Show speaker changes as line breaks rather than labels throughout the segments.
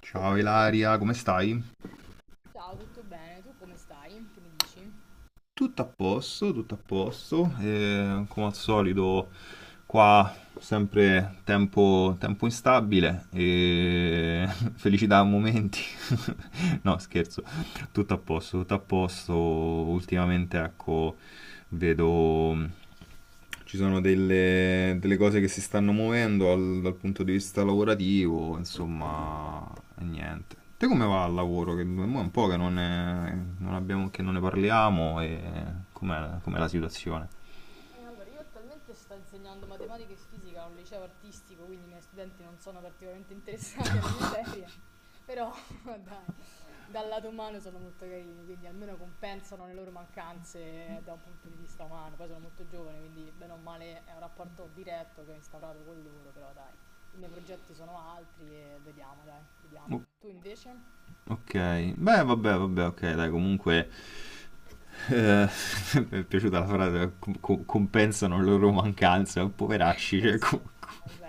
Ciao Ilaria, come stai?
Ciao, tutto bene? Tu come stai? Che mi dici?
Tutto a posto, come al solito qua sempre tempo, tempo instabile e felicità a momenti. No, scherzo, tutto a posto, tutto a posto. Ultimamente, ecco, vedo ci sono delle cose che si stanno muovendo dal punto di vista lavorativo,
Ah, sì, bene.
insomma,
Meno
e
male.
niente. Te come va al lavoro? Che mo è un po' che non abbiamo, che non ne parliamo e com'è com'è la situazione?
Allora, io attualmente sto insegnando matematica e fisica a un liceo artistico, quindi i miei studenti non sono particolarmente interessati alle mie materie, però dai, dal lato umano sono molto carini, quindi almeno compensano le loro mancanze da un punto di vista umano. Poi sono molto giovane, quindi bene o male è un rapporto diretto che ho instaurato con loro, però dai, i miei progetti sono altri e vediamo, dai, vediamo. Tu invece?
Ok, beh, vabbè, ok, dai, comunque Eh, mi è piaciuta la frase, compensano le loro mancanze, poveracci, cioè,
Sì,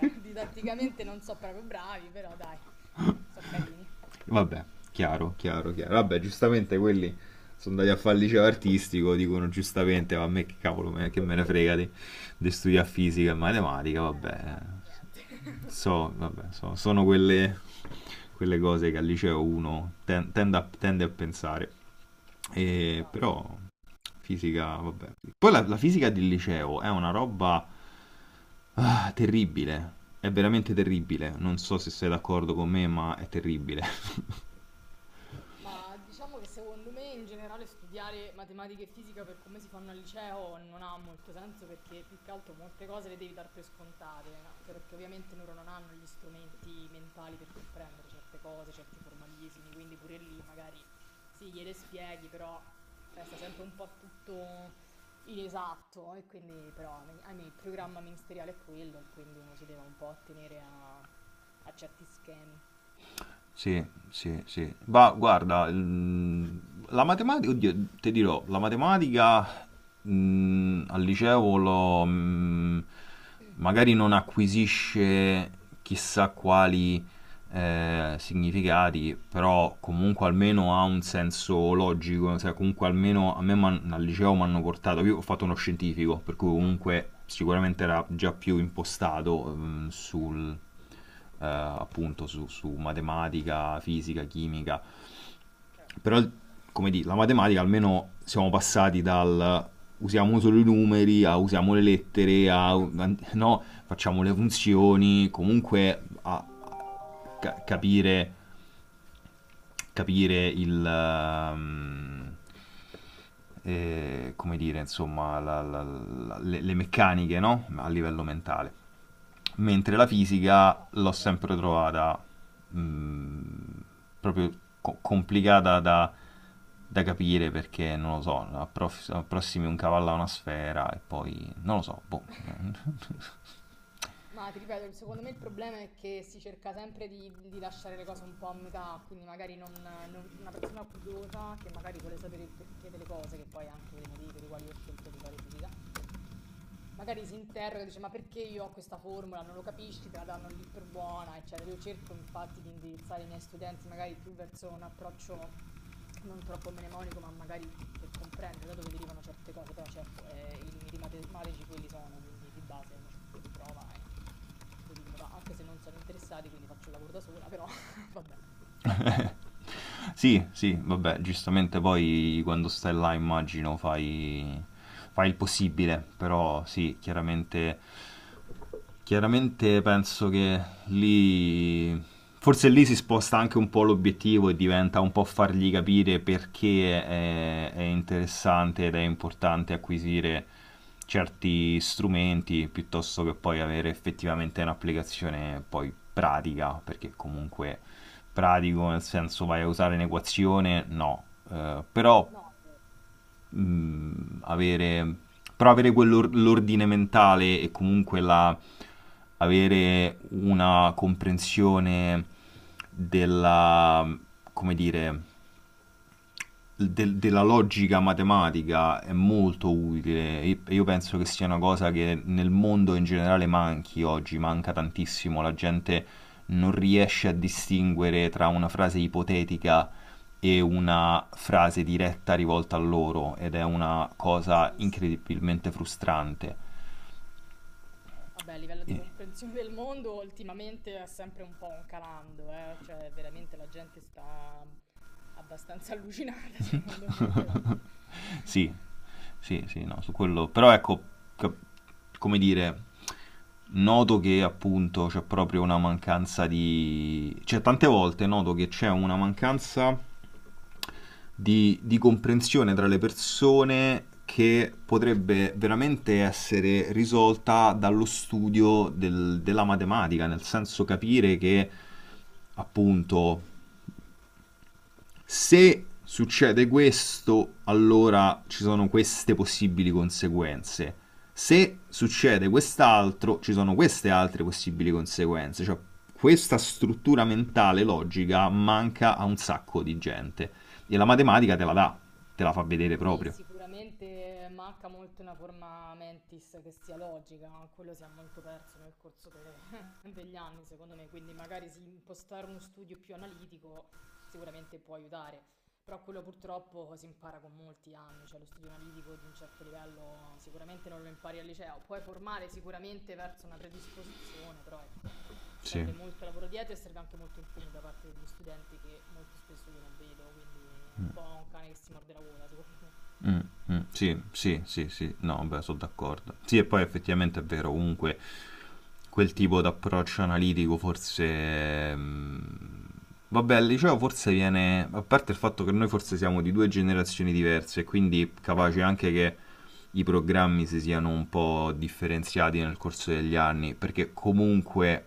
didatticamente non so proprio bravi, però dai, so carini.
vabbè, chiaro. Vabbè, giustamente quelli sono andati a fare il liceo artistico, dicono giustamente, ma a me che cavolo, me, che me ne frega di studiare fisica e matematica, vabbè,
Infatti, niente.
sono quelle cose che al liceo uno tende, a, tende a pensare, E
Esatto.
però fisica, vabbè. Poi la fisica del liceo è una roba, ah, terribile. È veramente terribile. Non so se sei d'accordo con me, ma è terribile.
Ma diciamo che secondo me in generale studiare matematica e fisica per come si fanno al liceo non ha molto senso perché più che altro molte cose le devi dar per scontate, anche perché ovviamente loro non hanno gli strumenti mentali per comprendere certe cose, certi formalismi, quindi pure lì magari sì, gliele spieghi, però resta sempre un po' tutto inesatto e quindi però ahimè, il programma ministeriale è quello e quindi uno si deve un po' attenere a certi schemi.
Sì, sì. Ma guarda, la matematica, oddio, ti dirò, la matematica al liceo magari non acquisisce chissà quali significati, però comunque almeno ha un senso logico, cioè comunque almeno a me al liceo mi hanno portato, io ho fatto uno scientifico, per cui
No.
comunque sicuramente era già più impostato
Ok. Mhm.
sul, appunto su, su matematica, fisica, chimica,
Certo.
però, come dire, la matematica almeno siamo passati dal usiamo solo i numeri a usiamo le lettere a no, facciamo le funzioni, comunque capire capire il, come dire, insomma, le meccaniche, no? A livello mentale. Mentre la fisica
No, sì,
l'ho
certo.
sempre trovata mh, proprio complicata da capire perché, non lo so, approssimi un cavallo a una sfera e poi, non lo so, boh.
Ma ti ripeto, secondo me il problema è che si cerca sempre di lasciare le cose un po' a metà, quindi magari una persona curiosa che magari vuole sapere il perché delle cose, che poi è anche uno dei motivi per i quali ho scelto di fare fisica. Magari si interroga e dice: "Ma perché io ho questa formula?" Non lo capisci, te la danno lì per buona, eccetera. Io cerco infatti di indirizzare i miei studenti magari più verso un approccio non troppo mnemonico, ma magari per comprendere da dove derivano certe cose. Però certo, i limiti matematici quelli sono, quindi di base uno ci prova e vedi come va. Anche se non sono interessati, quindi faccio il lavoro da sola, però vabbè.
Sì, sì, vabbè, giustamente poi quando stai là immagino fai, fai il possibile, però sì, chiaramente. Chiaramente penso che lì, forse lì si sposta anche un po' l'obiettivo e diventa un po' fargli capire perché è interessante ed è importante acquisire certi strumenti piuttosto che poi avere effettivamente un'applicazione poi pratica, perché comunque pratico nel senso vai a usare un'equazione, no, eh, però
No,
mh, avere, però avere quell'ordine mentale e comunque avere una comprensione della, come dire, della logica matematica è molto utile. Io penso che sia una cosa che nel mondo in generale manchi oggi, manca tantissimo. La gente non riesce a distinguere tra una frase ipotetica e una frase diretta rivolta a loro ed è una
ah
cosa
sì, sì.
incredibilmente frustrante.
Vabbè, a livello di
E-
comprensione del mondo, ultimamente è sempre un po' un calando, eh? Cioè, veramente la gente sta abbastanza allucinata, secondo me, però.
Sì, sì, sì, no, su quello. Però ecco, cap- come dire, noto che appunto c'è proprio una mancanza di... Cioè, tante volte noto che c'è una mancanza di comprensione tra le persone che potrebbe veramente essere risolta dallo studio della matematica, nel senso capire che appunto se succede questo, allora ci sono queste possibili conseguenze. Se succede quest'altro, ci sono queste altre possibili conseguenze. Cioè, questa struttura mentale logica manca a un sacco di gente. E la
Ah, beh,
matematica te
sì.
la dà, te la fa vedere
Sì,
proprio.
sicuramente manca molto una forma mentis che sia logica, quello si è molto perso nel corso degli anni, secondo me, quindi magari sì, impostare uno studio più analitico sicuramente può aiutare, però quello purtroppo si impara con molti anni, cioè lo studio analitico di un certo livello sicuramente non lo impari al liceo, puoi formare sicuramente verso una predisposizione, però ecco,
Sì,
serve molto lavoro dietro e serve anche molto impegno da parte degli studenti che molto spesso io non vedo, quindi è un po' un cane che si morde la coda, secondo me.
mm, mm, sì, sì, sì, sì, no, beh, sono d'accordo. Sì, e poi effettivamente è vero, comunque quel tipo di approccio analitico forse... mm, vabbè, al liceo forse viene... A parte il fatto che noi forse siamo di due generazioni diverse, quindi capace anche che i programmi si siano un po' differenziati nel corso degli anni, perché comunque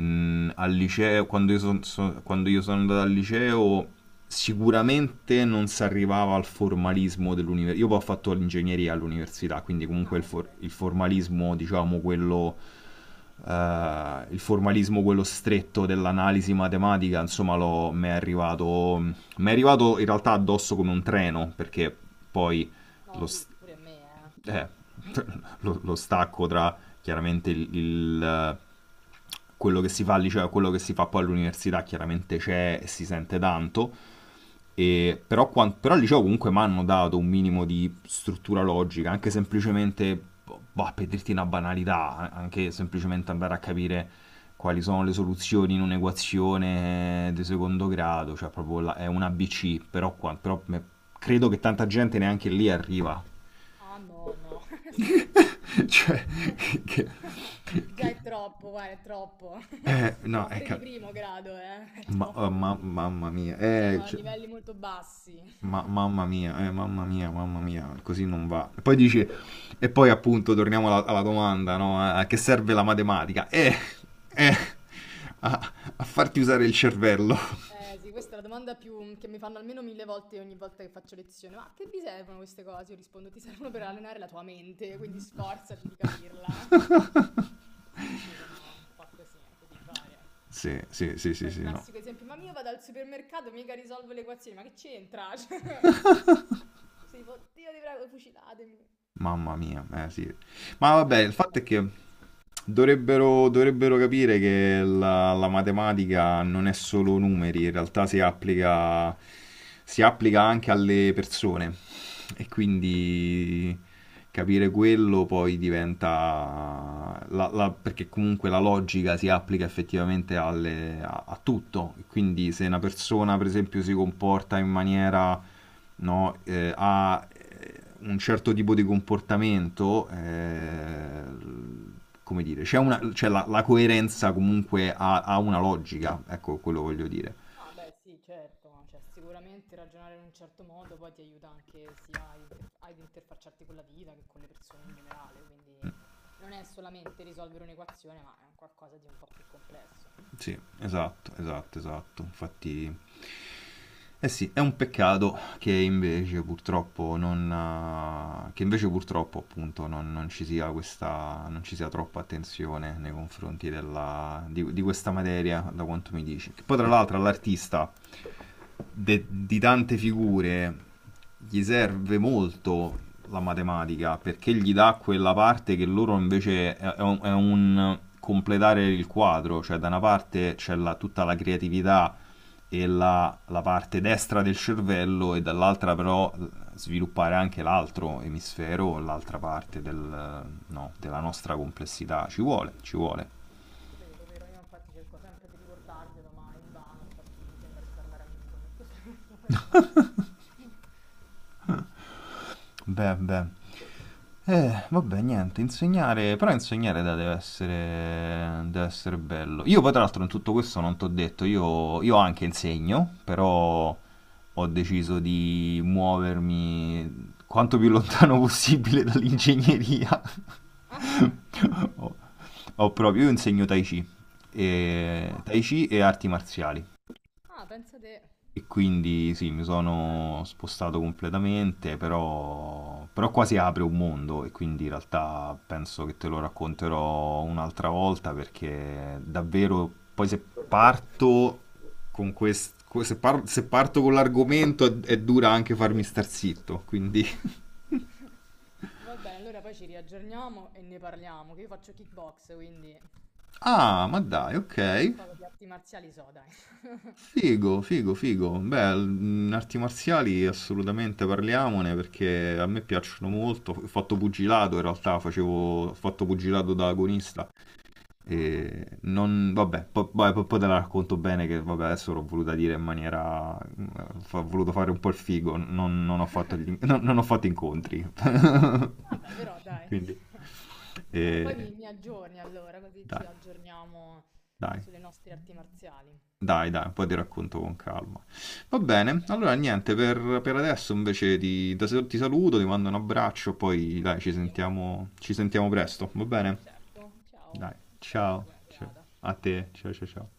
Al liceo, quando io sono andato al liceo, sicuramente non si arrivava al formalismo dell'università. Io poi ho fatto l'ingegneria all'università, quindi comunque
Ah, okay.
il formalismo, diciamo, quello... il formalismo, quello stretto dell'analisi matematica, insomma, mi è arrivato in realtà addosso come un treno, perché poi
Mh. No,
lo
sì,
s-
pure a me,
eh, lo stacco tra chiaramente quello che si fa al liceo e quello che si fa poi all'università chiaramente c'è e si sente tanto. E però, però al liceo comunque mi hanno dato un minimo di struttura logica, anche semplicemente, boh, per dirti una banalità, anche semplicemente andare a capire quali sono le soluzioni in un'equazione di secondo grado, cioè proprio è un ABC,
eh.
però, però credo che tanta gente neanche lì arriva,
Ah, no, no, sì.
cioè, che,
Già
che-
è troppo, guarda, è troppo.
no,
Ma pure di primo grado, è
ma- oh,
troppo
ma-
secondo me.
mamma mia,
Siamo a
cioè,
livelli molto bassi.
ma- mamma mia, mamma mia, mamma mia, così non va. E poi dici, e poi appunto torniamo alla domanda, no? A che serve la matematica? Eh, a farti usare il cervello.
Sì, questa è la domanda più che mi fanno almeno 1000 volte ogni volta che faccio lezione. "Ma a che vi servono queste cose?" Io rispondo: "Ti servono per allenare la tua mente, quindi sforzati di capirla." Sì, sì, sono un po' così, che devi fare?
Sì, sì, sì, sì,
Poi il
sì, no.
classico esempio, ma io vado al supermercato, mica risolvo le equazioni, ma che c'entra? Cioè, sei tipo, Dio ti prego, fucilatemi.
Mamma mia, eh sì. Ma vabbè,
Serve
il fatto
molta
è che
pazienza.
Dovrebbero capire che la matematica non è solo numeri, in realtà si applica anche alle persone e quindi capire quello poi diventa... perché comunque la logica si applica effettivamente a tutto, quindi se una persona per esempio si comporta in maniera, no? Ha eh, un certo tipo di comportamento, come dire, c'è, una, c'è la, la, coerenza comunque ha, ha una logica, ecco quello voglio dire.
No, beh, sì, certo, no, cioè, sicuramente ragionare in un certo modo poi ti aiuta anche sia ad interfacciarti con la vita che con le persone in generale, quindi non è solamente risolvere un'equazione, ma è un qualcosa di un po' più complesso.
Sì, esatto. Infatti, eh sì, è un peccato che invece purtroppo non, che invece purtroppo appunto non ci sia questa, non ci sia troppa attenzione nei confronti di questa materia, da quanto mi dici. Che poi tra l'altro all'artista di tante figure gli serve molto la matematica perché gli dà quella parte che loro invece è un completare il quadro, cioè da una parte c'è tutta la creatività e la parte destra del cervello e dall'altra però sviluppare anche l'altro emisfero, l'altra parte no, della nostra complessità. Ci vuole, ci vuole.
Vero, vero, io infatti cerco sempre di ricordarglielo, ma invano, infatti mi sembra di parlare al muro molto spesso, però vabbè.
Beh, beh. Vabbè, niente, insegnare, però insegnare dai, deve essere bello. Io poi tra l'altro in tutto questo non t'ho detto, io anche insegno, però ho deciso di muovermi quanto più lontano possibile dall'ingegneria.
Ah, che segni.
Ho, io insegno
Ah,
Tai Chi e arti marziali.
ah, pensa te.
E quindi sì, mi
Bello.
sono spostato completamente, però, però qua si apre un mondo e quindi in realtà penso che te lo racconterò un'altra volta perché davvero poi se parto con questo, se parto con l'argomento è dura anche farmi star zitto, quindi...
Va bene, allora poi ci riaggiorniamo e ne parliamo, che io faccio kickbox, quindi
Ah, ma dai, ok.
qualcosa di arti marziali so, dai.
Figo, figo, figo. Beh, mm, arti marziali assolutamente parliamone perché a me piacciono molto. Ho fatto pugilato in realtà,
Mm.
facevo, ho fatto pugilato da agonista
Ah, mazza.
e non, vabbè, poi te la racconto bene che vabbè, adesso l'ho voluta dire in maniera, ho voluto fare un po' il figo, non, non ho fatto non ho fatto incontri.
Vabbè, però dai.
Quindi,
Vabbè, poi
eh,
mi aggiorni allora, così ci
dai,
aggiorniamo
dai.
sulle nostre arti marziali.
Dai, dai, poi ti racconto con calma. Va bene, allora
Perfetto,
niente, per adesso invece ti saluto, ti mando un abbraccio, poi dai,
anche io.
ci sentiamo presto, va bene?
Certo, ciao,
Dai,
ciao,
ciao,
buona
ciao.
serata.
A te, ciao, ciao, ciao.